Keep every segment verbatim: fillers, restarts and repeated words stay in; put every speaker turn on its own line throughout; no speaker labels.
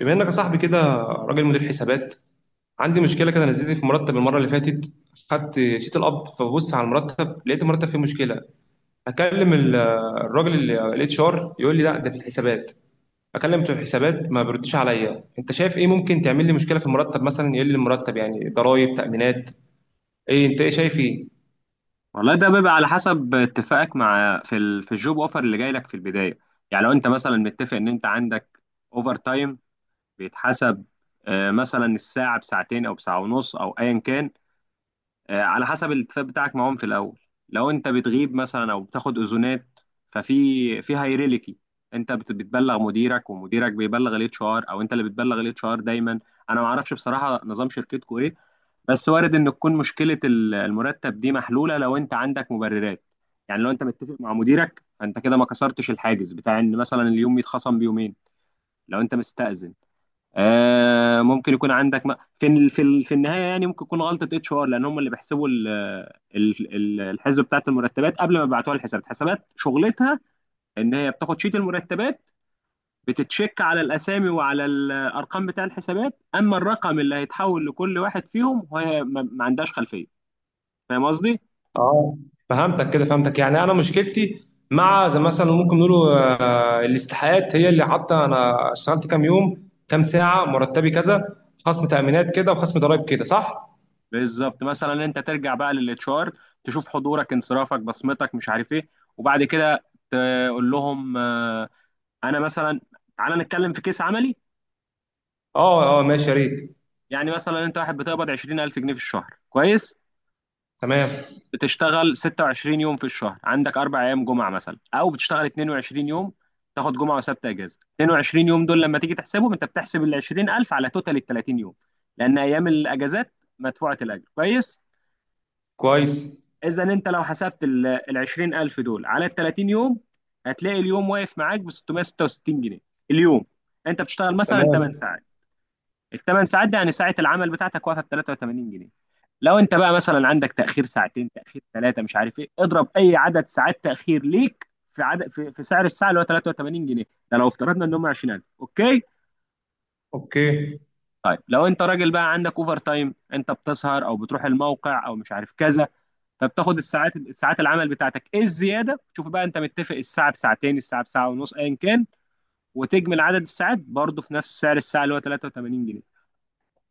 بما انك يا صاحبي كده راجل مدير حسابات، عندي مشكله كده نزلت لي في مرتب المره اللي فاتت. خدت شيت القبض فببص على المرتب لقيت المرتب فيه مشكله. اكلم ال- الراجل الاتش ار يقول لي لا ده في الحسابات. اكلم بتوع الحسابات ما بيردش عليا، انت شايف ايه ممكن تعمل لي مشكله في المرتب؟ مثلا يقل لي المرتب، يعني ضرائب، تامينات، ايه؟ انت ايه شايف ايه؟
والله ده بيبقى على حسب اتفاقك مع في ال... في الجوب اوفر اللي جاي لك في البدايه. يعني لو انت مثلا متفق ان انت عندك اوفر تايم بيتحسب، آه، مثلا الساعه بساعتين او بساعه ونص او ايا كان. آه، على حسب الاتفاق بتاعك معاهم في الاول. لو انت بتغيب مثلا او بتاخد اذونات ففي في هيراركي، انت بت- بتبلغ مديرك ومديرك بيبلغ الاتش ار، او انت اللي بتبلغ الاتش ار دايما. انا ما اعرفش بصراحه نظام شركتكم، بس وارد ان تكون مشكله ال- المرتب دي محلوله لو انت عندك مبررات. يعني لو انت متفق مع مديرك فانت كده ما كسرتش الحاجز بتاع ان مثلا اليوم يتخصم بيومين. لو انت مستأذن آه ممكن يكون عندك م... في ال- في ال- في النهايه، يعني ممكن يكون غلطه اتش ار، لان هم اللي بيحسبوا ال- ال- ال- الحسبه بتاعت المرتبات قبل ما يبعتوها للحسابات. حسابات شغلتها ان هي بتاخد شيت المرتبات، بتتشك على الاسامي وعلى الارقام بتاع الحسابات، اما الرقم اللي هيتحول لكل واحد فيهم، وهي ما ما عندهاش خلفيه. فاهم قصدي؟
اه، فهمتك كده، فهمتك، يعني انا مشكلتي مع زي مثلا ممكن نقوله، آه، الاستحقاقات هي اللي حاطه انا اشتغلت كام يوم كام ساعه مرتبي كذا، خصم تامينات كده وخصم ضرائب كده، صح؟
بالظبط. مثلا انت ترجع بقى للاتش ار، تشوف حضورك انصرافك بصمتك مش عارف ايه، وبعد كده تقول لهم آه، انا مثلا. تعالى نتكلم في كيس عملي.
اه اه ماشي يا ريت.
يعني مثلا انت واحد بتقبض عشرين الف جنيه في الشهر، كويس؟
تمام.
بتشتغل ستة وعشرين يوم في الشهر، عندك اربع ايام جمعه مثلا، او بتشتغل اتنين وعشرين يوم، تاخد جمعه وسبت اجازه. اتنين وعشرين يوم دول لما تيجي تحسبهم، انت بتحسب ال عشرين الف على توتال ال تلاتين يوم، لان ايام الاجازات مدفوعه الاجر، كويس؟
كويس.
اذا انت لو حسبت ال عشرين الف دول على ال تلاتين يوم، هتلاقي اليوم واقف معاك ب ستمية وستة وستين جنيه اليوم. انت بتشتغل مثلا ثمان
تمام.
ساعات. ال ثمان ساعات دي يعني ساعه العمل بتاعتك واقفه ب تلاتة وتمانين جنيه. لو انت بقى مثلا عندك تاخير ساعتين، تاخير ثلاثه، مش عارف ايه، اضرب اي عدد ساعات تاخير ليك في عدد في, في سعر الساعه اللي هو ثلاثة وثمانين جنيه. ده لو افترضنا ان هم عشرين الف. اوكي؟
اوكي.
طيب لو انت راجل بقى عندك اوفر تايم، انت بتسهر او بتروح الموقع او مش عارف كذا، فبتاخد الساعات، ساعات العمل بتاعتك ايه الزياده، شوف بقى انت متفق الساعه بساعتين، الساعه بساعه ونص، ايا كان، وتجمل عدد الساعات برضه في نفس سعر الساعه اللي هو تلاتة وتمانين جنيه،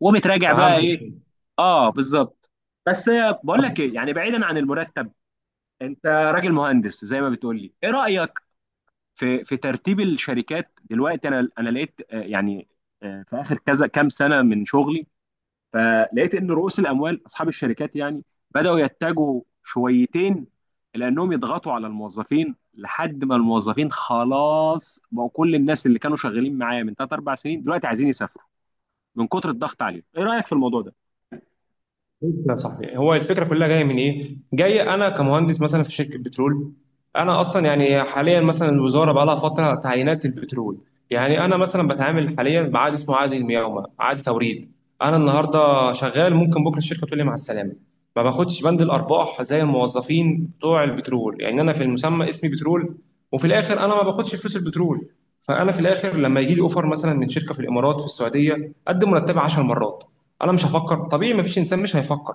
وبتراجع بقى ايه.
فهمتك.
اه بالظبط. بس بقول
طب.
لك ايه، يعني بعيدا عن المرتب، انت راجل مهندس زي ما بتقول لي، ايه رايك في في ترتيب الشركات دلوقتي؟ انا انا لقيت آه، يعني آه، في اخر كذا كام سنه من شغلي، فلقيت ان رؤوس الاموال اصحاب الشركات يعني بداوا يتجهوا شويتين، لانهم يضغطوا على الموظفين لحد ما الموظفين خلاص بقوا. كل الناس اللي كانوا شغالين معايا من ثلاثة اربعة سنين دلوقتي عايزين يسافروا من كتر الضغط عليهم. ايه رايك في الموضوع ده؟
لا صح، هو الفكره كلها جايه من ايه؟ جاي انا كمهندس مثلا في شركه بترول، انا اصلا يعني حاليا مثلا الوزاره بقى لها فتره تعيينات البترول، يعني انا مثلا بتعامل حاليا بعقد اسمه عقد المقاومه، عقد توريد. انا النهارده شغال ممكن بكره الشركه تقول لي مع السلامه. ما باخدش بند الارباح زي الموظفين بتوع البترول، يعني انا في المسمى اسمي بترول وفي الاخر انا ما باخدش فلوس البترول. فانا في الاخر لما يجي لي اوفر مثلا من شركه في الامارات في السعوديه قد مرتبي 10 مرات، انا مش هفكر. طبيعي مفيش انسان مش هيفكر.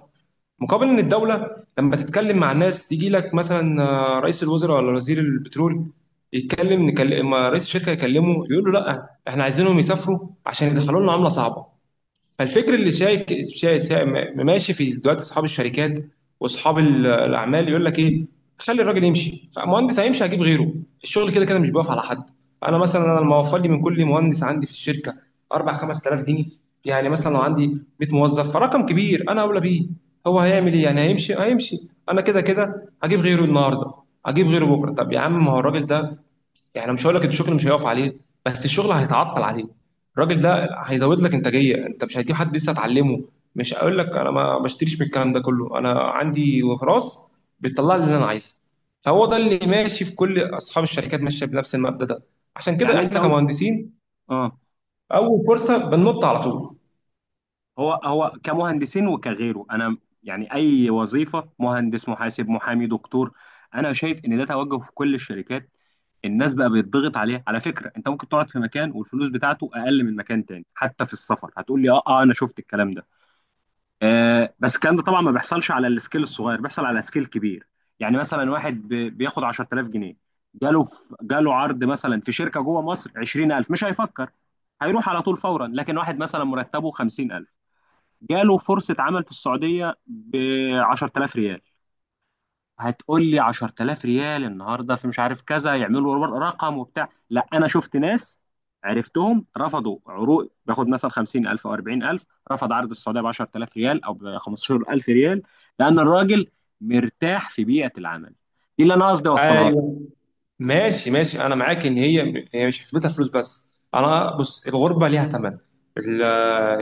مقابل ان الدوله لما تتكلم مع الناس يجي لك مثلا، آه، رئيس الوزراء ولا وزير البترول يتكلم، نكلم ما رئيس الشركه يكلمه يقول له لا احنا عايزينهم يسافروا عشان يدخلوا لنا عمله صعبه. فالفكر اللي شايك شاي شاي- ماشي في دلوقتي اصحاب الشركات واصحاب ال- الاعمال يقول لك ايه، خلي الراجل يمشي، مهندس هيمشي هجيب غيره، الشغل كده كده مش بيقف على حد. انا مثلا، انا لما اوفر لي من كل مهندس عندي في الشركه اربع خمس تلاف جنيه، يعني مثلا لو عندي ميت موظف فرقم كبير انا اولى بيه. هو هيعمل ايه يعني؟ هيمشي هيمشي، انا كده كده هجيب غيره النهارده، هجيب غيره بكره. طب يا عم ما هو الراجل ده، يعني مش هقول لك الشغل مش هيقف عليه، بس الشغل هيتعطل عليه. الراجل ده هيزود لك انتاجيه، انت مش هتجيب حد لسه اتعلمه. مش هقول لك انا ما بشتريش من الكلام ده كله، انا عندي راس بتطلع لي اللي انا عايزه. فهو ده اللي ماشي، في كل اصحاب الشركات ماشيه بنفس المبدا ده. عشان كده
يعني انت
احنا
قلت
كمهندسين
اه.
اول فرصه بننط على طول.
هو هو كمهندسين وكغيره، انا يعني اي وظيفه، مهندس محاسب محامي دكتور، انا شايف ان ده توجه في كل الشركات. الناس بقى بيتضغط عليها. على فكره انت ممكن تقعد في مكان والفلوس بتاعته اقل من مكان تاني، حتى في السفر. هتقول لي اه اه انا شفت الكلام ده. آه بس الكلام ده طبعا ما بيحصلش على السكيل الصغير، بيحصل على سكيل كبير. يعني مثلا واحد بي- بياخد عشر الاف جنيه، جاله في جاله عرض مثلا في شركه جوه مصر عشرين الف، مش هيفكر، هيروح على طول فورا. لكن واحد مثلا مرتبه خمسين الف جاله فرصة عمل في السعودية ب عشر الاف ريال، هتقول لي عشر الاف ريال النهارده في مش عارف كذا يعملوا رقم وبتاع، لا انا شفت ناس عرفتهم رفضوا عروض، باخد مثلا خمسين الف او اربعين الف، رفض عرض السعودية ب عشرة الاف ريال او ب خمسة عشر الف ريال، لان الراجل مرتاح في بيئة العمل. دي اللي انا قصدي اوصلها لك.
أيوه. ماشي ماشي، انا معاك ان هي هي مش حسبتها فلوس، بس انا بص الغربه ليها ثمن. ال-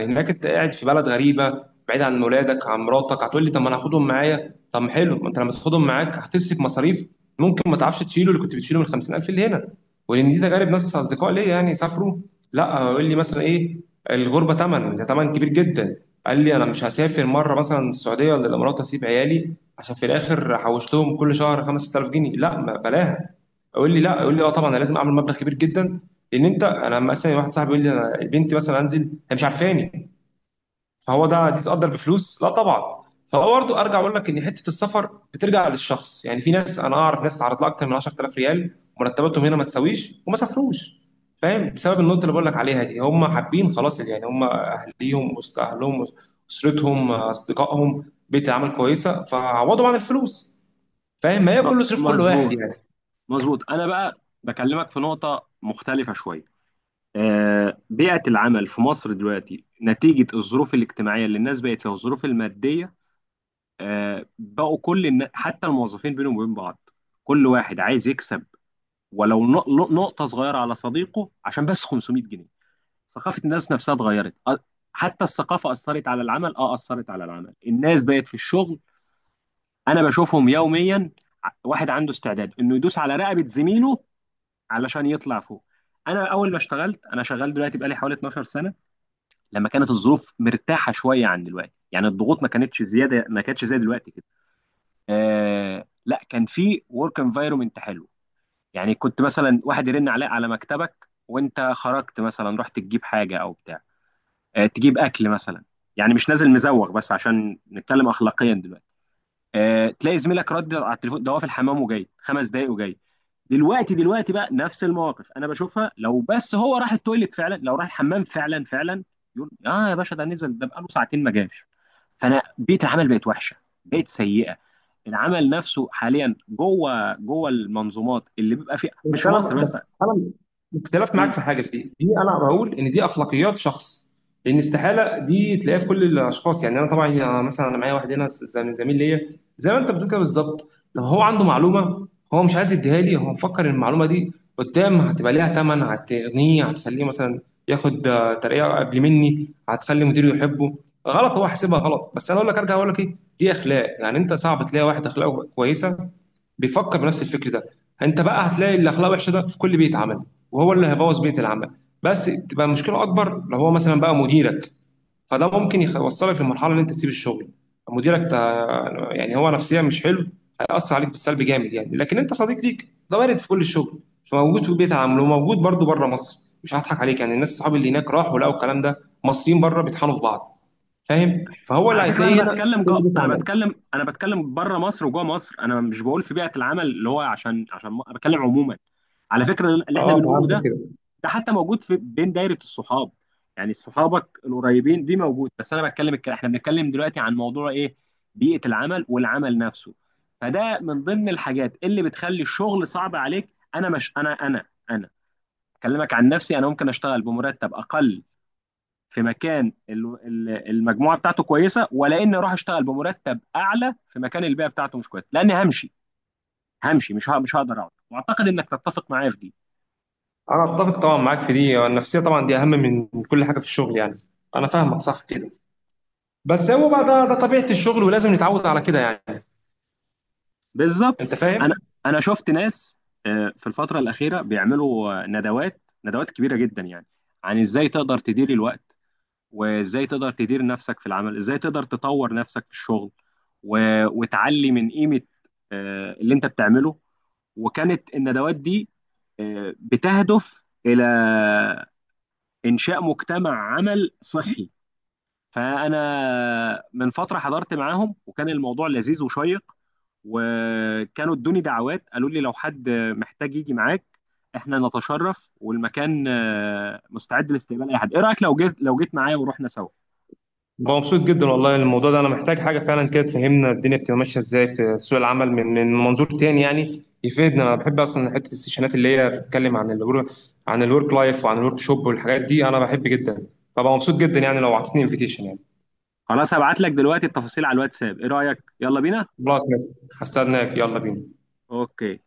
هناك انت قاعد في بلد غريبه، بعيد عن ولادك عن مراتك. هتقول لي طب ما انا هاخدهم معايا، طب ما حلو، ما انت لما تاخدهم معاك هتصرف مصاريف، ممكن ما تعرفش تشيله اللي كنت بتشيله من خمسين الف اللي هنا. ولان دي تجارب ناس اصدقاء ليا يعني سافروا، لا يقول لي مثلا ايه، الغربه ثمن، ده ثمن كبير جدا. قال لي انا مش هسافر مره مثلا السعوديه ولا الامارات اسيب عيالي عشان في الاخر حوشتهم كل شهر خمسة الاف جنيه، لا ما بلاها. يقول لي لا، يقول لي اه طبعا انا لازم اعمل مبلغ كبير جدا. لان انت، انا لما مثلا واحد صاحبي يقول لي انا بنتي مثلا انزل هي مش عارفاني، فهو ده تتقدر بفلوس؟ لا طبعا. فهو برضه ارجع اقول لك ان حته السفر بترجع للشخص، يعني في ناس، انا اعرف ناس اتعرض لها اكتر من عشر تلاف ريال مرتباتهم هنا ما تساويش وما سافروش. فاهم؟ بسبب النقطه اللي بقول لك عليها دي، هم حابين خلاص، يعني هم اهليهم وسط اهلهم، اسرتهم، اصدقائهم، بيئه العمل كويسه، فعوضوا عن الفلوس. فاهم؟ ما هي
ب-
كله صرف، كل واحد
مظبوط،
يعني.
مظبوط. انا بقى بكلمك في نقطة مختلفة شوية. آه، بيئة العمل في مصر دلوقتي نتيجة الظروف الاجتماعية اللي الناس بقت فيها والظروف المادية، آه، بقوا كل النا... حتى الموظفين بينهم وبين بعض كل واحد عايز يكسب، ولو نق- نقطة صغيرة على صديقه عشان بس خمسمية جنيه. ثقافة الناس نفسها اتغيرت. أ- حتى الثقافة أثرت على العمل، اه أثرت على العمل. الناس بقت في الشغل، أنا بشوفهم يوميا. ع- واحد عنده استعداد إنه يدوس على رقبة زميله علشان يطلع فوق. أنا أول ما اشتغلت، أنا شغال دلوقتي بقالي حوالي اتناشر سنة، لما كانت الظروف مرتاحه شويه عن دلوقتي، يعني الضغوط ما كانتش زياده، ما كانتش زي دلوقتي كده. آه لا، كان في ورك انفايرمنت حلو. يعني كنت مثلا واحد يرن عليك على مكتبك وانت خرجت مثلا رحت تجيب حاجه او بتاع، آه تجيب اكل مثلا، يعني مش نازل مزوغ. بس عشان نتكلم اخلاقيا دلوقتي، آه، تلاقي زميلك رد على التليفون، ده هو في الحمام وجاي خمس دقايق وجاي. دلوقتي دلوقتي بقى نفس المواقف انا بشوفها، لو بس هو راح التويليت فعلا، لو راح الحمام فعلا فعلا، يقول اه يا باشا ده نزل ده بقاله ساعتين ما جاش. فانا بيئه العمل بقت وحشه، بقت سيئه. العمل نفسه حاليا جوه جوه المنظومات اللي بيبقى فيها، مش
بس
في
انا
مصر بس.
بس انا اختلف
مم.
معاك في حاجه في دي دي انا بقول ان دي اخلاقيات شخص. لان استحاله دي تلاقيها في كل الاشخاص، يعني انا طبعا، آه، مثلا انا معايا واحد هنا ز- زميل زميل ليا زي ما انت بتقول كده بالظبط. لو هو عنده معلومه هو مش عايز يديها لي، هو مفكر ان المعلومه دي قدام هتبقى ليها ثمن، هتغنيه، هتخليه مثلا ياخد، آه، ترقيه قبل مني، هتخلي مديره يحبه. غلط، هو حاسبها غلط. بس انا اقول لك، ارجع اقول لك ايه، دي اخلاق، يعني انت صعب تلاقي واحد اخلاقه كويسه بيفكر بنفس الفكر ده. انت بقى هتلاقي الاخلاق وحشه ده في كل بيت عمل، وهو اللي هيبوظ بيت العمل. بس تبقى المشكله اكبر لو هو مثلا بقى مديرك، فده ممكن يخ- يوصلك لمرحله ان انت تسيب الشغل. مديرك تا- يعني هو نفسيا مش حلو، هيأثر عليك بالسلب جامد يعني. لكن انت صديق ليك ده وارد في كل الشغل. فموجود في بيت العمل وموجود برضو بره مصر، مش هضحك عليك. يعني الناس صحابي اللي هناك راحوا لقوا الكلام ده، مصريين بره بيطحنوا في بعض. فاهم؟ فهو اللي
على فكره
هتلاقيه
انا
هنا
بتكلم
في كل
جو...
بيت
انا
عمل.
بتكلم انا بتكلم بره مصر وجوه مصر، انا مش بقول في بيئه العمل اللي هو عشان عشان م- أنا بتكلم عموما. على فكره اللي احنا
اه،
بنقوله
فهمت
ده،
كده.
ده حتى موجود في بين دايرة الصحاب، يعني صحابك القريبين دي موجود. بس انا بتكلم الك- احنا بنتكلم دلوقتي عن موضوع ايه؟ بيئة العمل والعمل نفسه. فده من ضمن الحاجات اللي بتخلي الشغل صعب عليك. انا مش انا انا انا اكلمك عن نفسي، انا ممكن اشتغل بمرتب اقل في مكان ال- ال- المجموعة بتاعته كويسة، ولا اني اروح اشتغل بمرتب اعلى في مكان البيئة بتاعته مش كويسة، لاني همشي، همشي مش ه- مش هقدر اقعد. واعتقد انك تتفق معايا في دي.
انا اتفق طبعا معاك في دي، النفسيه طبعا دي اهم من كل حاجه في الشغل يعني. انا فاهمك صح كده. بس هو بقى ده, ده طبيعه الشغل ولازم نتعود على كده يعني.
بالظبط.
انت
انا
فاهم.
انا شفت ناس آه، في الفتره الاخيره بيعملوا آه، ندوات ندوات كبيره جدا، يعني عن ازاي تقدر تدير الوقت، وازاي تقدر تدير نفسك في العمل، ازاي تقدر تطور نفسك في الشغل، و- وتعلي من قيمه آه، اللي انت بتعمله. وكانت الندوات دي آه، بتهدف الى انشاء مجتمع عمل صحي. فانا من فتره حضرت معاهم وكان الموضوع لذيذ وشيق، وكانوا ادوني دعوات، قالوا لي لو حد محتاج يجي معاك احنا نتشرف، والمكان آه، مستعد لاستقبال اي حد. ايه رايك لو جيت لو جيت معايا ورحنا سوا؟
بقى مبسوط جدا والله الموضوع ده، انا محتاج حاجه فعلا كده تفهمنا الدنيا بتبقى ماشيه ازاي في في سوق العمل، من من منظور تاني يعني يفيدنا. انا بحب اصلا حته السيشنات اللي هي بتتكلم عن الورك عن الورك لايف وعن الورك شوب والحاجات دي، انا بحب جدا. فبقى مبسوط جدا، يعني لو اعطيتني انفيتيشن يعني.
خلاص هبعت لك دلوقتي التفاصيل على الواتساب. ايه رايك؟ يلا بينا.
خلاص ماشي. هستناك يلا بينا.
اوكي.